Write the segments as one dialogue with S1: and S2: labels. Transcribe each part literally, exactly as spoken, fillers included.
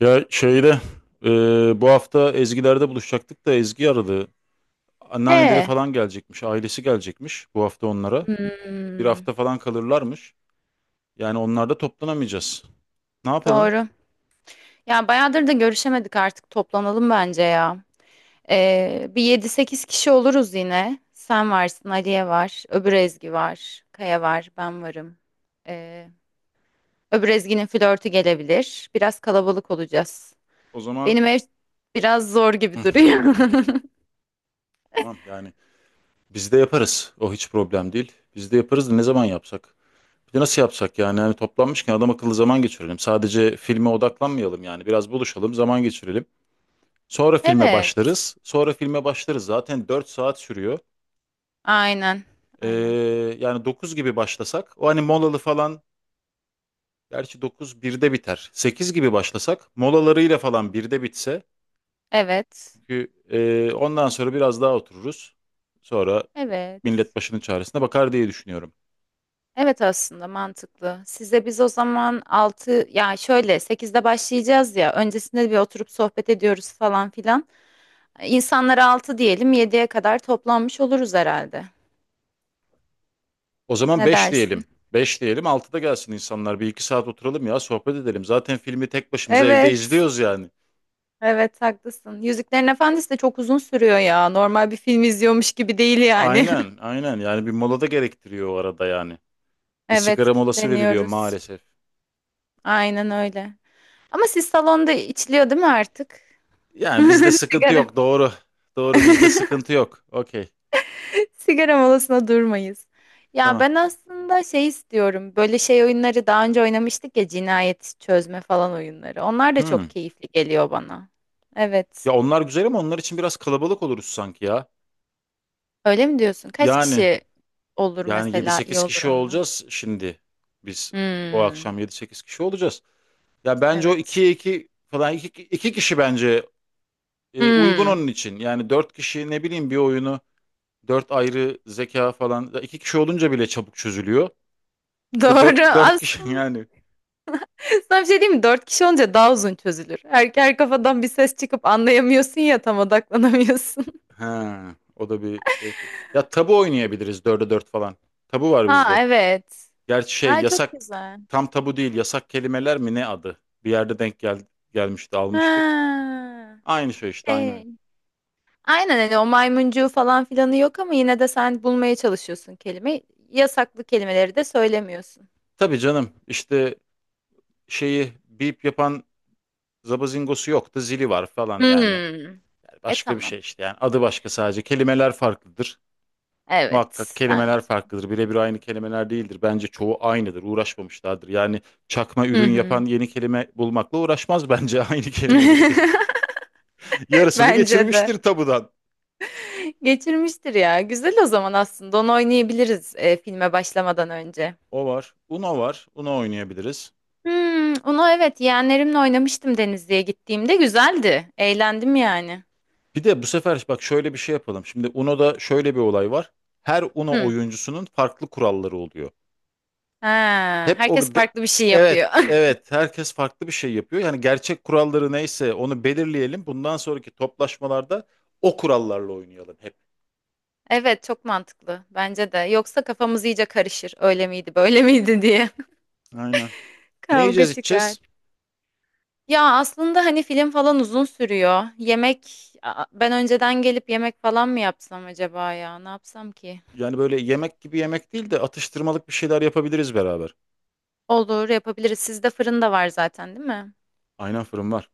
S1: Ya şeyde e, bu hafta Ezgiler'de buluşacaktık da Ezgi aradı. Anneanneleri
S2: E,
S1: falan gelecekmiş, ailesi gelecekmiş bu hafta onlara. Bir
S2: hmm,
S1: hafta falan kalırlarmış. Yani onlarda toplanamayacağız. Ne yapalım?
S2: doğru. Ya bayağıdır da görüşemedik artık toplanalım bence ya. Ee, bir yedi sekiz kişi oluruz yine. Sen varsın, Aliye var, öbür Ezgi var, Kaya var, ben varım. Ee, öbür Ezgi'nin flörtü gelebilir. Biraz kalabalık olacağız.
S1: O zaman.
S2: Benim ev biraz zor
S1: Hı,
S2: gibi duruyor.
S1: tamam yani biz de yaparız. O hiç problem değil. Biz de yaparız da ne zaman yapsak? Bir de nasıl yapsak yani? Yani toplanmışken adam akıllı zaman geçirelim. Sadece filme odaklanmayalım yani. Biraz buluşalım, zaman geçirelim. Sonra filme
S2: Evet,
S1: başlarız. Sonra filme başlarız. Zaten dört saat sürüyor.
S2: aynen,
S1: Ee,
S2: aynen.
S1: yani dokuz gibi başlasak, o hani molalı falan, gerçi dokuz birde biter. Sekiz gibi başlasak molalarıyla falan birde bitse,
S2: Evet,
S1: çünkü e, ondan sonra biraz daha otururuz. Sonra millet
S2: evet.
S1: başının çaresine bakar diye düşünüyorum.
S2: Evet aslında mantıklı. Size biz o zaman altı yani şöyle sekizde başlayacağız ya öncesinde bir oturup sohbet ediyoruz falan filan. İnsanlara altı diyelim yediye kadar toplanmış oluruz herhalde.
S1: O zaman
S2: Ne
S1: beş
S2: dersin?
S1: diyelim. Beş diyelim, altıda gelsin insanlar, bir iki saat oturalım ya, sohbet edelim. Zaten filmi tek başımıza evde
S2: Evet.
S1: izliyoruz yani.
S2: Evet haklısın. Yüzüklerin Efendisi de çok uzun sürüyor ya. Normal bir film izliyormuş gibi değil yani.
S1: Aynen, aynen, yani bir mola da gerektiriyor o arada yani. Bir
S2: Evet
S1: sigara molası veriliyor
S2: kitleniyoruz.
S1: maalesef.
S2: Aynen öyle. Ama siz salonda içiliyor değil mi artık?
S1: Yani bizde sıkıntı
S2: Sigara.
S1: yok. Doğru. Doğru, bizde sıkıntı yok. Okey.
S2: Sigara molasına durmayız. Ya
S1: Tamam.
S2: ben aslında şey istiyorum. Böyle şey oyunları daha önce oynamıştık ya cinayet çözme falan oyunları. Onlar da çok
S1: Hmm.
S2: keyifli geliyor bana. Evet.
S1: Ya onlar güzel ama onlar için biraz kalabalık oluruz sanki ya.
S2: Öyle mi diyorsun? Kaç
S1: Yani
S2: kişi olur
S1: yani yedi
S2: mesela iyi
S1: sekiz
S2: olur
S1: kişi
S2: onda?
S1: olacağız şimdi. Biz o
S2: Hmm.
S1: akşam yedi sekiz kişi olacağız. Ya bence o
S2: Evet.
S1: ikiye iki falan, iki iki kişi bence e, uygun
S2: Hmm.
S1: onun için. Yani dört kişi ne bileyim bir oyunu, dört ayrı zeka falan. Ya iki kişi olunca bile çabuk çözülüyor. Bir de
S2: Doğru.
S1: dört dört kişi
S2: Aslında
S1: yani.
S2: sana bir şey diyeyim mi? Dört kişi olunca daha uzun çözülür. Her, her kafadan bir ses çıkıp anlayamıyorsun ya tam odaklanamıyorsun.
S1: Ha, o da bir şey tabii. Ya tabu oynayabiliriz dörde dört falan. Tabu var
S2: Ha
S1: bizde.
S2: evet.
S1: Gerçi şey
S2: Aa çok
S1: yasak,
S2: güzel.
S1: tam tabu değil, yasak kelimeler mi ne adı? Bir yerde denk gel gelmişti almıştık.
S2: Ha.
S1: Aynı şey işte, aynı oyun.
S2: Ee, aynen hani o maymuncuğu falan filanı yok ama yine de sen bulmaya çalışıyorsun kelime. Yasaklı kelimeleri de söylemiyorsun.
S1: Tabii canım, işte şeyi bip yapan zabazingosu yoktu, zili var falan yani.
S2: Hmm. E
S1: Başka bir
S2: tamam.
S1: şey işte, yani adı başka, sadece kelimeler farklıdır. Muhakkak
S2: Evet
S1: kelimeler
S2: bence.
S1: farklıdır. Birebir aynı kelimeler değildir. Bence çoğu aynıdır. Uğraşmamışlardır. Yani çakma
S2: Hı
S1: ürün yapan
S2: hı.
S1: yeni kelime bulmakla uğraşmaz bence. Aynı kelimeleri ge- yarısını
S2: Bence de.
S1: geçirmiştir tabudan.
S2: Geçirmiştir ya. Güzel o zaman aslında. Onu oynayabiliriz e, filme başlamadan önce.
S1: O var. Uno var. Uno oynayabiliriz.
S2: Hmm, onu evet yeğenlerimle oynamıştım Denizli'ye gittiğimde. Güzeldi. Eğlendim yani.
S1: Bir de bu sefer bak, şöyle bir şey yapalım. Şimdi Uno'da şöyle bir olay var. Her Uno
S2: Hı.
S1: oyuncusunun farklı kuralları oluyor.
S2: Ha,
S1: Hep
S2: herkes
S1: o de-
S2: farklı bir şey
S1: evet
S2: yapıyor.
S1: evet herkes farklı bir şey yapıyor. Yani gerçek kuralları neyse onu belirleyelim. Bundan sonraki toplaşmalarda o kurallarla oynayalım hep.
S2: Evet çok mantıklı bence de. Yoksa kafamız iyice karışır. Öyle miydi, böyle miydi diye.
S1: Aynen. Ne
S2: Kavga
S1: yiyeceğiz,
S2: çıkar.
S1: içeceğiz?
S2: Ya aslında hani film falan uzun sürüyor. Yemek Aa, ben önceden gelip yemek falan mı yapsam acaba ya? Ne yapsam ki?
S1: Yani böyle yemek gibi yemek değil de, atıştırmalık bir şeyler yapabiliriz beraber.
S2: Olur yapabiliriz. Sizde fırın da var zaten değil mi?
S1: Aynen, fırın var.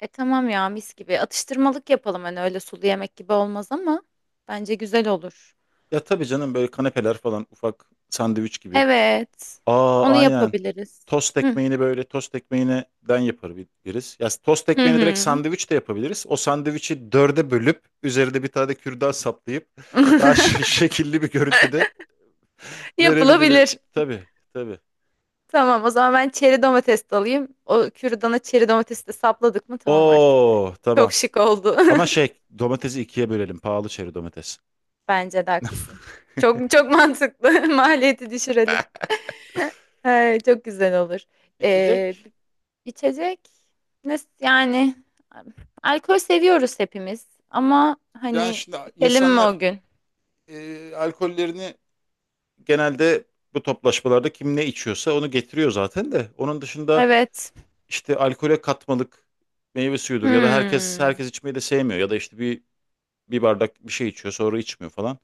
S2: E tamam ya mis gibi. Atıştırmalık yapalım hani öyle sulu yemek gibi olmaz ama bence güzel olur.
S1: Ya tabii canım, böyle kanepeler falan, ufak sandviç gibi.
S2: Evet.
S1: Aa,
S2: Onu
S1: aynen.
S2: yapabiliriz.
S1: Tost
S2: Hı
S1: ekmeğini böyle tost ekmeğinden yapabiliriz. Ya tost
S2: hı.
S1: ekmeğini direkt
S2: Hı.
S1: sandviç de yapabiliriz. O sandviçi dörde bölüp üzerinde bir tane de kürdan saplayıp daha ş- şekilli bir görüntüde verebiliriz.
S2: Yapılabilir.
S1: Tabii, tabii.
S2: Tamam o zaman ben çeri domates de alayım. O kürdana çeri domatesi de sapladık mı tamam artık.
S1: Oo, tamam.
S2: Çok şık oldu.
S1: Ama şey domatesi ikiye bölelim. Pahalı çeri domates.
S2: Bence de haklısın. Çok çok mantıklı. Maliyeti düşürelim. Ay, çok güzel olur. Ee,
S1: İçecek.
S2: içecek nasıl yani alkol seviyoruz hepimiz ama
S1: Yani
S2: hani
S1: şimdi
S2: içelim mi o
S1: insanlar
S2: gün?
S1: e, alkollerini genelde bu toplaşmalarda kim ne içiyorsa onu getiriyor zaten de. Onun dışında
S2: Evet.
S1: işte alkole katmalık meyve suyudur, ya da herkes
S2: Hmm,
S1: herkes içmeyi de sevmiyor, ya da işte bir bir bardak bir şey içiyor sonra içmiyor falan.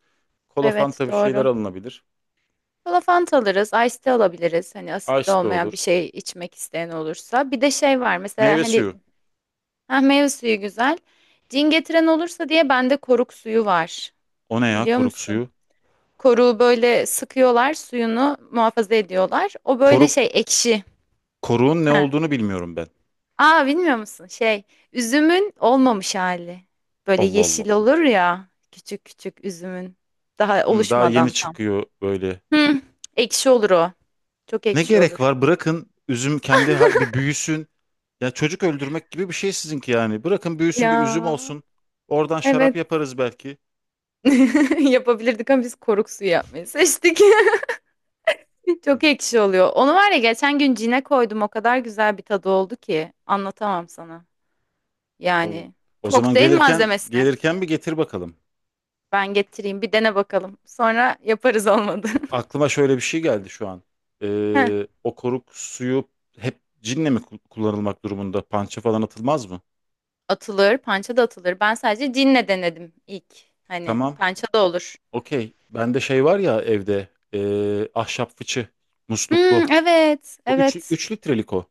S1: Kola,
S2: evet
S1: Fanta, bir şeyler
S2: doğru.
S1: alınabilir.
S2: Kola Fanta alırız, ice tea alabiliriz. Hani asitli
S1: Ice de
S2: olmayan bir
S1: olur.
S2: şey içmek isteyen olursa. Bir de şey var mesela
S1: Meyve
S2: hani
S1: suyu.
S2: ha, meyve suyu güzel. Cin getiren olursa diye bende koruk suyu var.
S1: O ne ya,
S2: Biliyor
S1: koruk
S2: musun?
S1: suyu?
S2: Koruğu böyle sıkıyorlar, suyunu muhafaza ediyorlar. O böyle
S1: Koruk
S2: şey ekşi.
S1: koruğun ne
S2: Ha.
S1: olduğunu bilmiyorum ben.
S2: Aa bilmiyor musun? Şey üzümün olmamış hali. Böyle
S1: Allah Allah.
S2: yeşil olur ya küçük küçük üzümün daha
S1: Hı, daha yeni
S2: oluşmadan tam.
S1: çıkıyor böyle.
S2: Hı, ekşi olur o. Çok
S1: Ne
S2: ekşi
S1: gerek
S2: olur.
S1: var? Bırakın üzüm kendi ha- bir büyüsün. Ya çocuk öldürmek gibi bir şey sizinki yani. Bırakın büyüsün, bir üzüm
S2: Ya
S1: olsun. Oradan şarap
S2: evet
S1: yaparız belki.
S2: Yapabilirdik ama biz koruk suyu yapmayı seçtik.
S1: Hı.
S2: Çok ekşi oluyor. Onu var ya geçen gün cine koydum. O kadar güzel bir tadı oldu ki anlatamam sana.
S1: O,
S2: Yani
S1: o zaman
S2: kokteyl
S1: gelirken
S2: malzemesi.
S1: gelirken bir getir bakalım.
S2: Ben getireyim bir dene bakalım. Sonra yaparız olmadı.
S1: Aklıma şöyle bir şey geldi şu an.
S2: Heh.
S1: Ee, o koruk suyu hep cinle mi ku- kullanılmak durumunda? Pança falan atılmaz mı?
S2: Atılır, pança da atılır. Ben sadece cinle denedim ilk. Hani
S1: Tamam.
S2: pança da olur.
S1: Okey. Bende şey var ya evde. ee, ahşap fıçı.
S2: Hmm,
S1: Musluklu.
S2: evet,
S1: O üç
S2: evet.
S1: üç litrelik o.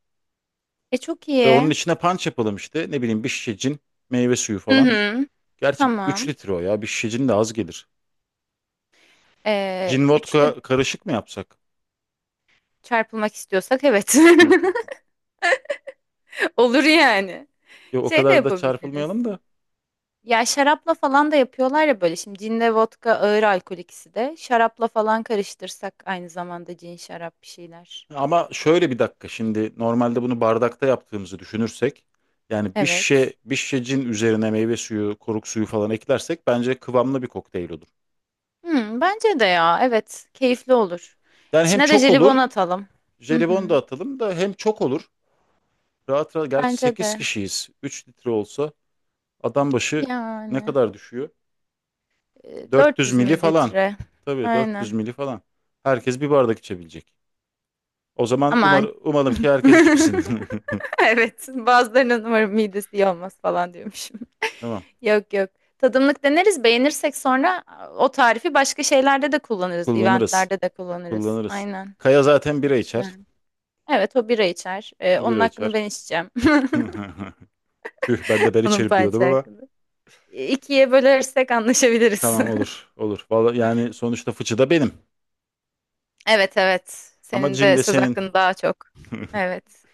S2: E çok
S1: Ve onun
S2: iyi.
S1: içine punch yapalım işte. Ne bileyim, bir şişe cin, meyve suyu
S2: Hı
S1: falan.
S2: hı,
S1: Gerçi üç
S2: tamam.
S1: litre o ya. Bir şişe cin de az gelir.
S2: Ee,
S1: Cin
S2: üçte
S1: vodka karışık mı yapsak?
S2: çarpılmak istiyorsak evet. Olur yani.
S1: Yok, o
S2: Şey de
S1: kadar da
S2: yapabiliriz.
S1: çarpılmayalım da.
S2: Ya şarapla falan da yapıyorlar ya böyle. Şimdi cinle vodka ağır alkol ikisi de. Şarapla falan karıştırsak aynı zamanda cin şarap bir şeyler.
S1: Ama şöyle bir dakika, şimdi normalde bunu bardakta yaptığımızı düşünürsek, yani bir şişe,
S2: Evet.
S1: bir şişe cin üzerine meyve suyu, koruk suyu falan eklersek bence kıvamlı bir kokteyl olur.
S2: Hmm, bence de ya. Evet. Keyifli olur.
S1: Yani hem
S2: İçine de
S1: çok olur,
S2: jelibon atalım. Hı
S1: jelibon
S2: hı.
S1: da atalım da hem çok olur. Rahat rahat, gerçi
S2: Bence
S1: sekiz
S2: de.
S1: kişiyiz. Üç litre olsa adam başı ne
S2: Yani.
S1: kadar düşüyor?
S2: e,
S1: dört yüz
S2: dört yüz
S1: mili falan.
S2: mililitre.
S1: Tabii, dört yüz
S2: Aynen.
S1: mili falan. Herkes bir bardak içebilecek. O zaman umar,
S2: Aman.
S1: umalım ki herkes içmesin.
S2: Evet. Bazılarının umarım midesi iyi olmaz falan diyormuş.
S1: Tamam.
S2: Yok yok. Tadımlık deneriz. Beğenirsek sonra o tarifi başka şeylerde de kullanırız.
S1: Kullanırız.
S2: Eventlerde de kullanırız.
S1: Kullanırız.
S2: Aynen.
S1: Kaya zaten bira içer.
S2: Katılıyorum. Evet o bira içer. Ee,
S1: O
S2: onun
S1: bira
S2: hakkını
S1: içer.
S2: ben içeceğim.
S1: Tüh, ben de ben
S2: Onun
S1: içerim diyordum
S2: parça
S1: ama.
S2: hakkını. İkiye bölersek anlaşabiliriz.
S1: Tamam, olur. Olur. Vallahi yani, sonuçta fıçı da benim.
S2: Evet evet.
S1: Ama
S2: Senin
S1: cin
S2: de
S1: de
S2: söz
S1: senin.
S2: hakkın daha çok. Evet.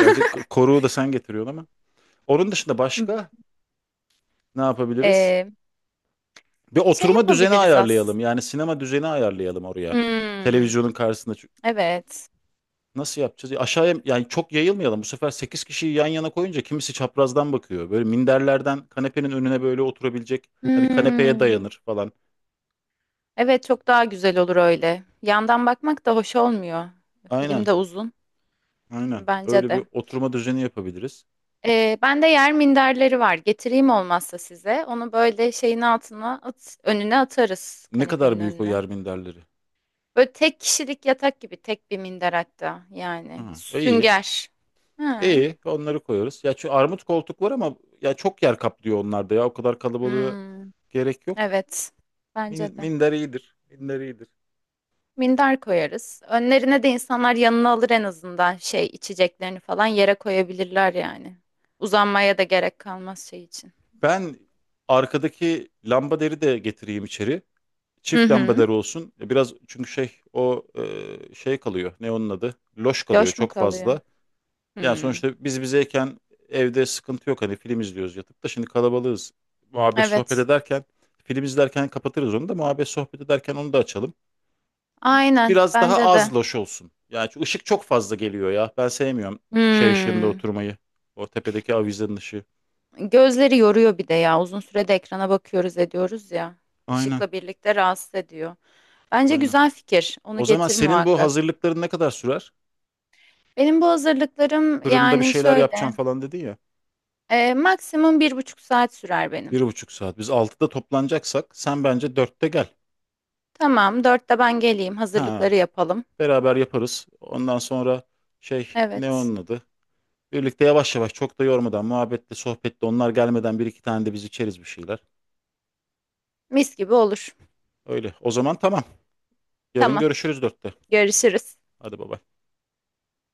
S1: Gerçi k- koruğu da sen getiriyorsun ama. Onun dışında başka ne yapabiliriz?
S2: Ee,
S1: Bir
S2: şey
S1: oturma düzeni
S2: yapabiliriz
S1: ayarlayalım.
S2: aslında.
S1: Yani sinema düzeni ayarlayalım oraya.
S2: Hmm,
S1: Televizyonun karşısında.
S2: evet.
S1: Nasıl yapacağız? Aşağıya, yani çok yayılmayalım. Bu sefer sekiz kişiyi yan yana koyunca kimisi çaprazdan bakıyor. Böyle minderlerden kanepenin önüne böyle oturabilecek. Hani kanepeye
S2: Hmm.
S1: dayanır falan.
S2: Evet çok daha güzel olur öyle. Yandan bakmak da hoş olmuyor. Film
S1: Aynen.
S2: de uzun.
S1: Aynen.
S2: Bence
S1: Öyle bir
S2: de.
S1: oturma düzeni yapabiliriz.
S2: Ee, ben de yer minderleri var. Getireyim olmazsa size. Onu böyle şeyin altına at, önüne atarız
S1: Ne kadar
S2: kanepenin
S1: büyük o
S2: önüne.
S1: yer minderleri?
S2: Böyle tek kişilik yatak gibi tek bir minder hatta yani.
S1: Hı, iyi.
S2: Sünger. Hı.
S1: İyi. Onları koyarız. Ya şu armut koltuk var ama ya, çok yer kaplıyor onlarda ya. O kadar kalabalığı
S2: Hmm,
S1: gerek yok.
S2: evet.
S1: Min,
S2: Bence de.
S1: minder iyidir. Minder iyidir.
S2: Minder koyarız. Önlerine de insanlar yanına alır en azından şey içeceklerini falan yere koyabilirler yani. Uzanmaya da gerek kalmaz şey için.
S1: Ben arkadaki lamba deri de getireyim içeri.
S2: Hı
S1: Çift
S2: hı.
S1: lambaları olsun. E, Biraz, çünkü şey o e, şey kalıyor. Ne onun adı? Loş kalıyor
S2: Döş mü
S1: çok
S2: kalıyor?
S1: fazla. Yani
S2: Hmm.
S1: sonuçta biz bizeyken evde sıkıntı yok. Hani film izliyoruz yatıp da, şimdi kalabalığız. Muhabbet sohbet
S2: Evet.
S1: ederken film izlerken kapatırız onu da, muhabbet sohbet ederken onu da açalım.
S2: Aynen
S1: Biraz daha
S2: bence
S1: az
S2: de.
S1: loş olsun. Yani çünkü ışık çok fazla geliyor ya. Ben sevmiyorum şey ışığında
S2: Hmm.
S1: oturmayı. O tepedeki avizenin ışığı.
S2: Gözleri yoruyor bir de ya. Uzun sürede ekrana bakıyoruz ediyoruz ya.
S1: Aynen,
S2: Işıkla birlikte rahatsız ediyor. Bence
S1: aynen.
S2: güzel fikir.
S1: O
S2: Onu
S1: zaman
S2: getir
S1: senin bu
S2: muhakkak.
S1: hazırlıkların ne kadar sürer?
S2: Benim bu hazırlıklarım
S1: Fırında bir
S2: yani
S1: şeyler
S2: şöyle.
S1: yapacağım falan dedin ya.
S2: e, maksimum bir buçuk saat sürer
S1: Bir
S2: benim.
S1: buçuk saat. Biz altıda toplanacaksak sen bence dörtte gel.
S2: Tamam, dörtte ben geleyim.
S1: Ha,
S2: Hazırlıkları yapalım.
S1: beraber yaparız. Ondan sonra şey, ne
S2: Evet.
S1: onun adı? Birlikte yavaş yavaş, çok da yormadan, muhabbetle sohbetle, onlar gelmeden bir iki tane de biz içeriz bir şeyler.
S2: Mis gibi olur.
S1: Öyle. O zaman tamam. Yarın
S2: Tamam.
S1: görüşürüz dörtte.
S2: Görüşürüz.
S1: Hadi baba.